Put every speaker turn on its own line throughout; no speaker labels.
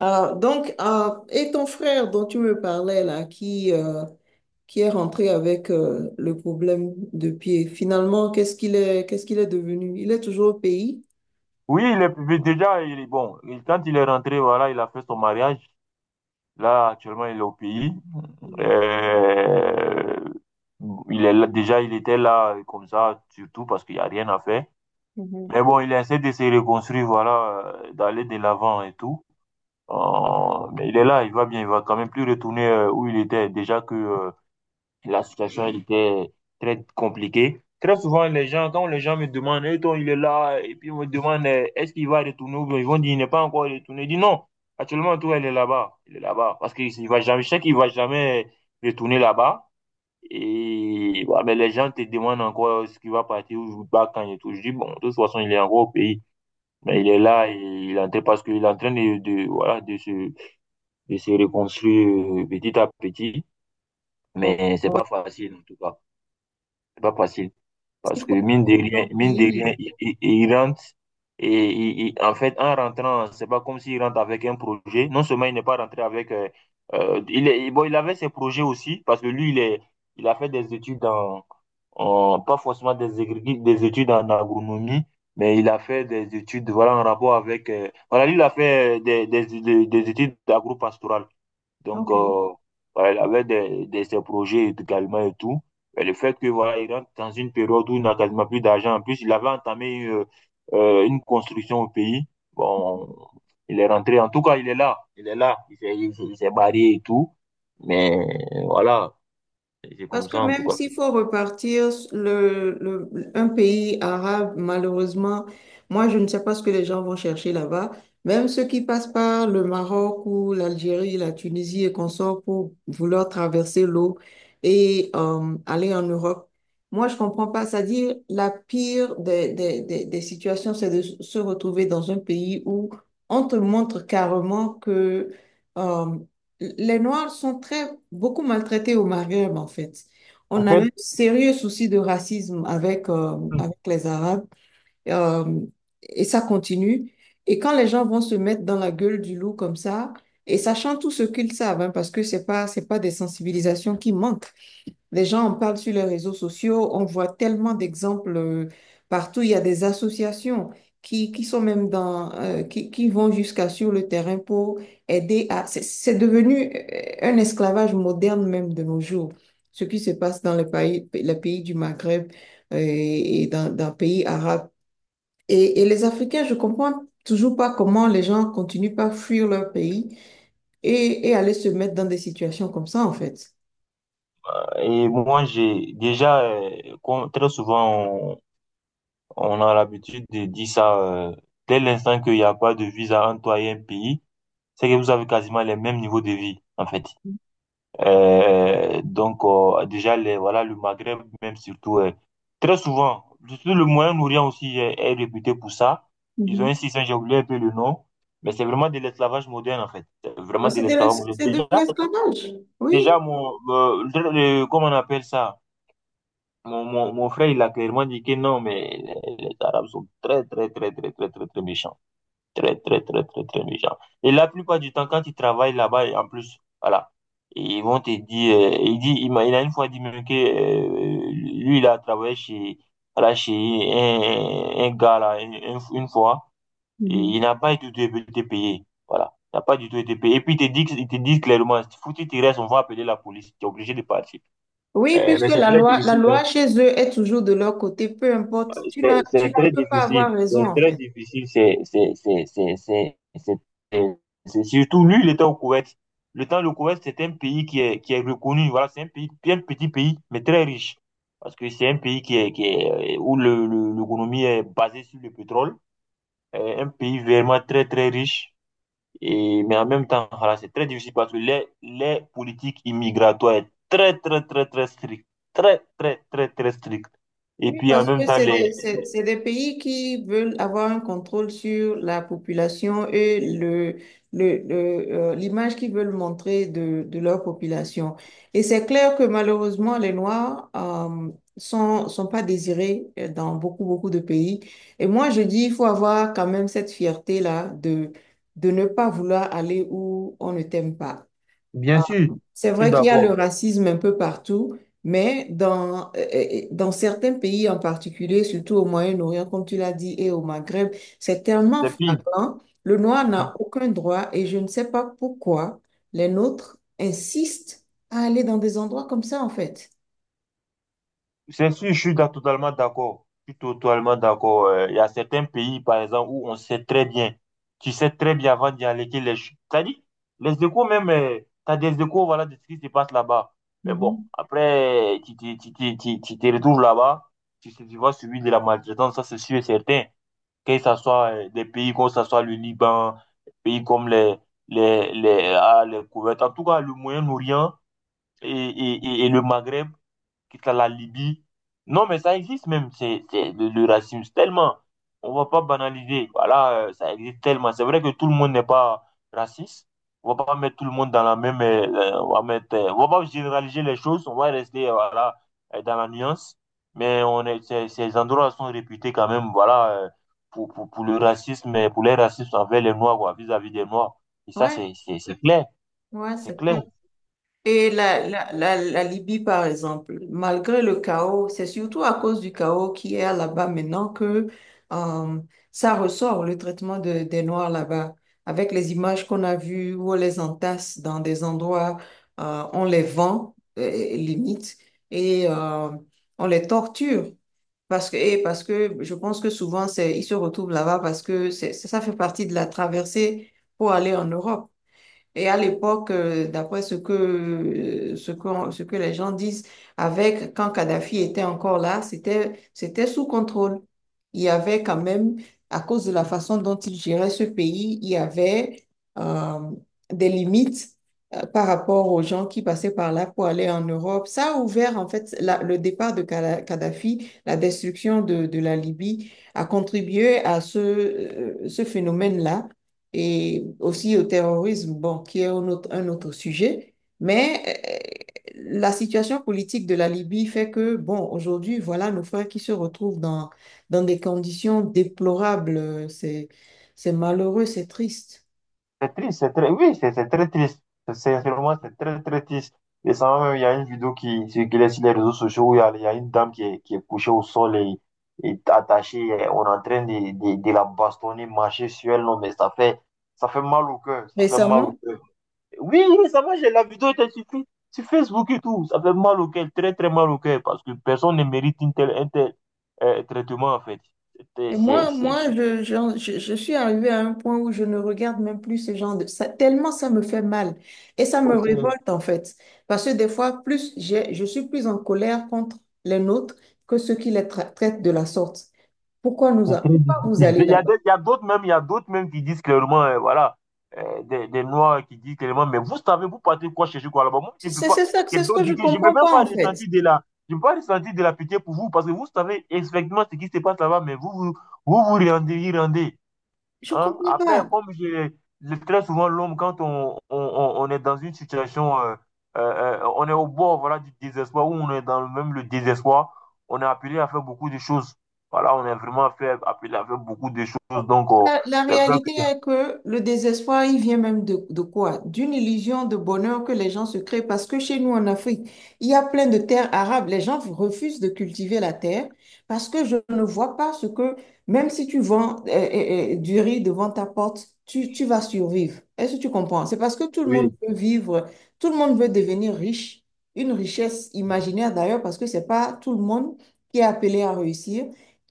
Et ton frère dont tu me parlais là, qui est rentré avec le problème de pied, finalement, qu'est-ce qu'il est devenu? Il est toujours au pays?
Oui, il est, mais déjà, il est bon. Quand il est rentré, voilà, il a fait son mariage. Là, actuellement, il est au pays. Euh, déjà, il était là comme ça, surtout parce qu'il n'y a rien à faire.
Mhm.
Mais bon, il essaie de se reconstruire, voilà, d'aller de l'avant et tout. Mais il est là, il va bien, il va quand même plus retourner où il était. Déjà que la situation, elle était très compliquée. Très souvent, quand les gens me demandent, Eh, toi, il est là, et puis on me demandent Eh, est-ce qu'il va retourner ou bien ils vont dire, il n'est pas encore retourné. Je dis non, actuellement, toi, il est là-bas. Il est là-bas. Parce qu'il il va jamais, je sais qu'il va jamais retourner là-bas. Et ouais, mais les gens te demandent encore ce qu'il va partir ou pas quand et tout. Je dis, bon, de toute façon, il est encore au pays. Mais il est là, et il est en train- parce qu'il est en train voilà, de se reconstruire petit à petit.
Au
Mais c'est pas facile, en tout cas. C'est pas facile. Parce que mine de
pays.
rien, il rentre et en fait, en rentrant, c'est pas comme s'il rentre avec un projet. Non seulement il n'est pas rentré avec. Il est, bon, il avait ses projets aussi parce que lui, il est, il a fait des études pas forcément des, des études en agronomie, mais il a fait des études voilà, en rapport avec... voilà, lui, il a fait des études d'agro-pastoral. Donc,
Ok.
euh, voilà, il avait ses projets également et tout. Et le fait que, voilà, il rentre dans une période où il n'a quasiment plus d'argent. En plus, il avait entamé une construction au pays. Bon, il est rentré. En tout cas, il est là. Il est là. Il s'est barré et tout. Mais voilà, c'est
Parce
comme
que
ça, en tout
même
cas.
s'il faut repartir un pays arabe, malheureusement, moi, je ne sais pas ce que les gens vont chercher là-bas. Même ceux qui passent par le Maroc ou l'Algérie, la Tunisie et qu'on sort pour vouloir traverser l'eau et aller en Europe. Moi, je comprends pas. C'est-à-dire, la pire des situations, c'est de se retrouver dans un pays où on te montre carrément que euh, les Noirs sont très, beaucoup maltraités au Maghreb, en fait.
En
On a
fait,
un sérieux souci de racisme avec, avec les Arabes, euh, et ça continue. Et quand les gens vont se mettre dans la gueule du loup comme ça, et sachant tout ce qu'ils savent, hein, parce que c'est pas des sensibilisations qui manquent. Les gens en parlent sur les réseaux sociaux, on voit tellement d'exemples partout. Il y a des associations qui sont même dans, qui vont jusqu'à sur le terrain pour aider à... C'est devenu un esclavage moderne même de nos jours. Ce qui se passe dans les pays du Maghreb et dans les pays arabes. Et les Africains, je comprends toujours pas comment les gens continuent pas à fuir leur pays et aller se mettre dans des situations comme ça, en fait.
et moi, j'ai déjà, comme très souvent, on, on a l'habitude de dire ça, dès l'instant qu'il n'y a pas de visa entre toi et un pays, c'est que vous avez quasiment les mêmes niveaux de vie, en fait. Déjà, voilà, le Maghreb, même surtout, très souvent, surtout le Moyen-Orient aussi est, est réputé pour ça. Ils ont un système, j'ai oublié un peu le nom, mais c'est vraiment de l'esclavage moderne, en fait. C'est vraiment
Donc,
de
c'est
l'esclavage moderne.
c'est de
Déjà,
l'esclavage, oui.
déjà, comment on appelle ça? Mon frère, il a clairement dit que non, mais les Arabes sont très, très, très, très, très, très, très méchants. Très, très, très, très, très méchants. Et la plupart du temps, quand ils travaillent là-bas, et en plus, voilà, ils vont te dire, il dit, il a une fois dit même que, lui, il a travaillé chez, voilà, chez un gars, là, une fois, et
Mhm.
il n'a pas du tout été payé. Voilà. Il n'a pas du tout été payé. Et puis, il te dit clairement, foutu, tu restes, on va appeler la police. Tu es obligé de partir.
Oui, puisque
Mais c'est très
la
difficile.
loi chez eux est toujours de leur côté, peu importe.
C'est
Tu
très
peux pas
difficile.
avoir
C'est
raison, en
très
fait.
difficile. C'est- c'est- Surtout lui, il était au Koweït. Le temps, le Koweït, c'est un pays qui est reconnu. Voilà, c'est un pays, bien petit pays, mais très riche. Parce que c'est un pays qui est, où l'économie est basée sur le pétrole. Un pays vraiment très, très riche. Et, mais en même temps, voilà, c'est très difficile parce que les politiques immigratoires est très, très, très, très strict. Très, très, très, très strict. Et
Oui,
puis en
parce
même
que
temps,
c'est des pays qui veulent avoir un contrôle sur la population et le, le, l'image qu'ils veulent montrer de leur population. Et c'est clair que malheureusement, les Noirs sont pas désirés dans beaucoup, beaucoup de pays. Et moi, je dis, il faut avoir quand même cette fierté-là de ne pas vouloir aller où on ne t'aime pas.
bien sûr,
C'est
je suis
vrai qu'il y a le
d'accord.
racisme un peu partout, mais dans certains pays en particulier, surtout au Moyen-Orient, comme tu l'as dit, et au Maghreb, c'est tellement
C'est pire.
flagrant. Le noir
Mhm.
n'a aucun droit et je ne sais pas pourquoi les nôtres insistent à aller dans des endroits comme ça, en fait.
C'est sûr, je suis da- Totalement d'accord. Je suis totalement d'accord. Il y a certains pays, par exemple, où on sait très bien. Tu sais très bien avant d'y aller que t'as dit, les échos même, tu as des échos, voilà, de ce qui se passe là-bas. Mais bon,
Mhm.
après, tu te retrouves là-bas, tu, sais, tu vas subir de la maltraitance, ça c'est sûr et certain. Que ce soit des pays comme ça soit le Liban, des pays comme les Koweït, en tout cas le Moyen-Orient. Et et le Maghreb, quitte à la Libye. Non, mais ça existe même, c'est le racisme, tellement. On va pas banaliser. Voilà, ça existe tellement. C'est vrai que tout le monde n'est pas raciste. On va pas mettre tout le monde dans la même. On va mettre, on va pas généraliser les choses. On va rester voilà, dans la nuance. Mais on est, ces endroits sont réputés quand même, voilà, pour le racisme, et pour les racistes envers les Noirs, quoi, vis-à-vis des Noirs. Et ça,
Ouais,
c'est clair.
ouais,
C'est
c'est ça.
clair.
Et la Libye, par exemple, malgré le chaos, c'est surtout à cause du chaos qui est là-bas maintenant que euh, ça ressort, le traitement des Noirs là-bas. Avec les images qu'on a vues où on les entasse dans des endroits, on les vend, limite, et on les torture. Parce que, et parce que je pense que souvent, c'est, ils se retrouvent là-bas parce que c'est, ça fait partie de la traversée pour aller en Europe. Et à l'époque, d'après ce que les gens disent, avec, quand Kadhafi était encore là, c'était sous contrôle. Il y avait quand même, à cause de la façon dont il gérait ce pays, il y avait euh, des limites par rapport aux gens qui passaient par là pour aller en Europe. Ça a ouvert, en fait, le départ de Kadhafi, la destruction de la Libye, a contribué à ce phénomène-là et aussi au terrorisme, bon, qui est un autre sujet. Mais la situation politique de la Libye fait que, bon, aujourd'hui, voilà nos frères qui se retrouvent dans des conditions déplorables. C'est malheureux, c'est triste.
C'est triste, c'est très, oui, c'est très triste. Vraiment c'est très très triste. Et ça même, il y a une vidéo qui circulait sur les réseaux sociaux où il y a une dame qui est couchée au sol et attachée. Et on est en train de la bastonner, marcher sur elle. Non, mais ça fait mal au cœur. Ça fait mal au
Récemment,
cœur. Oui, oui, ça va, j'ai la vidéo était sur, sur Facebook et tout. Ça fait mal au cœur, très très mal au cœur parce que personne ne mérite une telle un tel, traitement en fait. C'était-
et moi,
C'est
moi je suis arrivée à un point où je ne regarde même plus ces gens de... Ça, tellement ça me fait mal. Et ça me
c'est-
révolte, en fait. Parce que des fois, je suis plus en colère contre les nôtres que ceux qui les traitent de la sorte. Pourquoi nous
C'est
a...
très
Pourquoi
difficile.
vous allez là-bas?
Il y a d'autres même, il y a d'autres même qui disent clairement, voilà, des Noirs qui disent clairement, mais vous savez, vous partez quoi chercher quoi là-bas? Moi, je ne peux pas.
C'est ce
Quelqu'un
que je
dit que je ne peux
comprends
même
pas,
pas
en fait.
ressentir de la, je peux pas ressentir de la pitié pour vous parce que vous savez exactement ce qui se passe là-bas, mais vous rendez, y rendez.
Je
Hein?
comprends
Après,
pas.
très souvent, l'homme, quand on est dans une situation, euh, on est au bord voilà, du désespoir, ou on est dans même le désespoir, on est appelé à faire beaucoup de choses. Voilà, on est vraiment fait- appelé à faire beaucoup de choses.
La
C'est vrai
réalité
que...
est que le désespoir, il vient même de quoi? D'une illusion de bonheur que les gens se créent. Parce que chez nous en Afrique, il y a plein de terres arables. Les gens refusent de cultiver la terre parce que je ne vois pas ce que, même si tu vends du riz devant ta porte, tu vas survivre. Est-ce que tu comprends? C'est parce que tout le monde
Oui,
veut vivre, tout le monde veut devenir riche. Une richesse imaginaire d'ailleurs, parce que c'est pas tout le monde qui est appelé à réussir.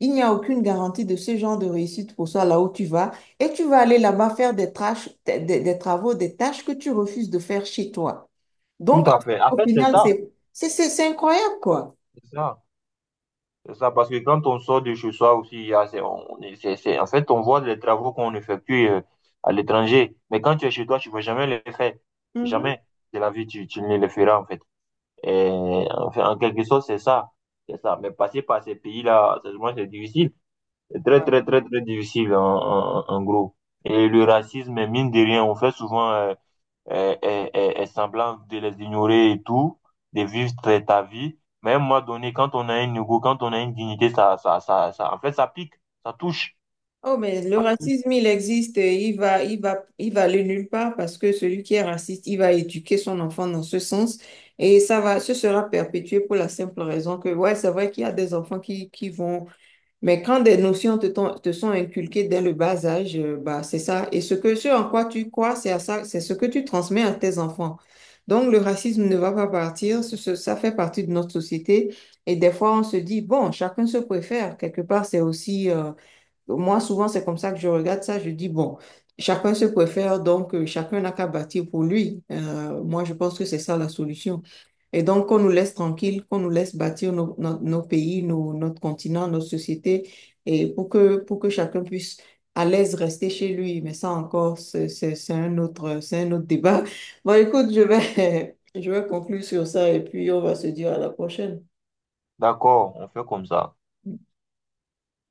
Il n'y a aucune garantie de ce genre de réussite pour toi là où tu vas. Et tu vas aller là-bas faire des travaux, des tâches que tu refuses de faire chez toi.
tout
Donc,
à fait. En
au
fait, c'est
final,
ça.
c'est incroyable, quoi.
C'est ça. C'est ça, parce que quand on sort de chez soi aussi, il y a- c'est, on en fait, on voit les travaux qu'on effectue à l'étranger. Mais quand tu es chez toi, tu ne vas jamais les faire.
Mhm.
Jamais de la vie, tu ne les feras, en fait. Et, enfin, en quelque sorte, c'est ça. C'est ça. Mais passer par ces pays-là, franchement, c'est difficile. C'est très,
Ouais.
très, très, très difficile, en gros. Et le racisme, mine de rien, on fait souvent semblant de les ignorer et tout, de vivre très ta vie. Mais à un moment donné, quand on a un ego, quand on a une dignité, ça, en fait, ça pique, ça touche.
Oh, mais le racisme, il existe. Et il va aller nulle part parce que celui qui est raciste, il va éduquer son enfant dans ce sens. Et ça va, ce sera perpétué pour la simple raison que, ouais, c'est vrai qu'il y a des enfants qui vont. Mais quand des notions te sont inculquées dès le bas âge, bah, c'est ça. Et ce que, ce en quoi tu crois, c'est à ça, c'est ce que tu transmets à tes enfants. Donc, le racisme ne va pas partir. Ça fait partie de notre société. Et des fois, on se dit, bon, chacun se préfère. Quelque part, c'est aussi, moi, souvent, c'est comme ça que je regarde ça. Je dis, bon, chacun se préfère, donc chacun n'a qu'à bâtir pour lui. Moi, je pense que c'est ça la solution. Et donc, qu'on nous laisse tranquille, qu'on nous laisse bâtir nos pays, notre continent, notre société, et pour que chacun puisse à l'aise rester chez lui. Mais ça encore, c'est c'est un autre débat. Bon, écoute, je vais, je vais conclure sur ça et puis on va se dire à la prochaine.
D'accord, on fait comme ça.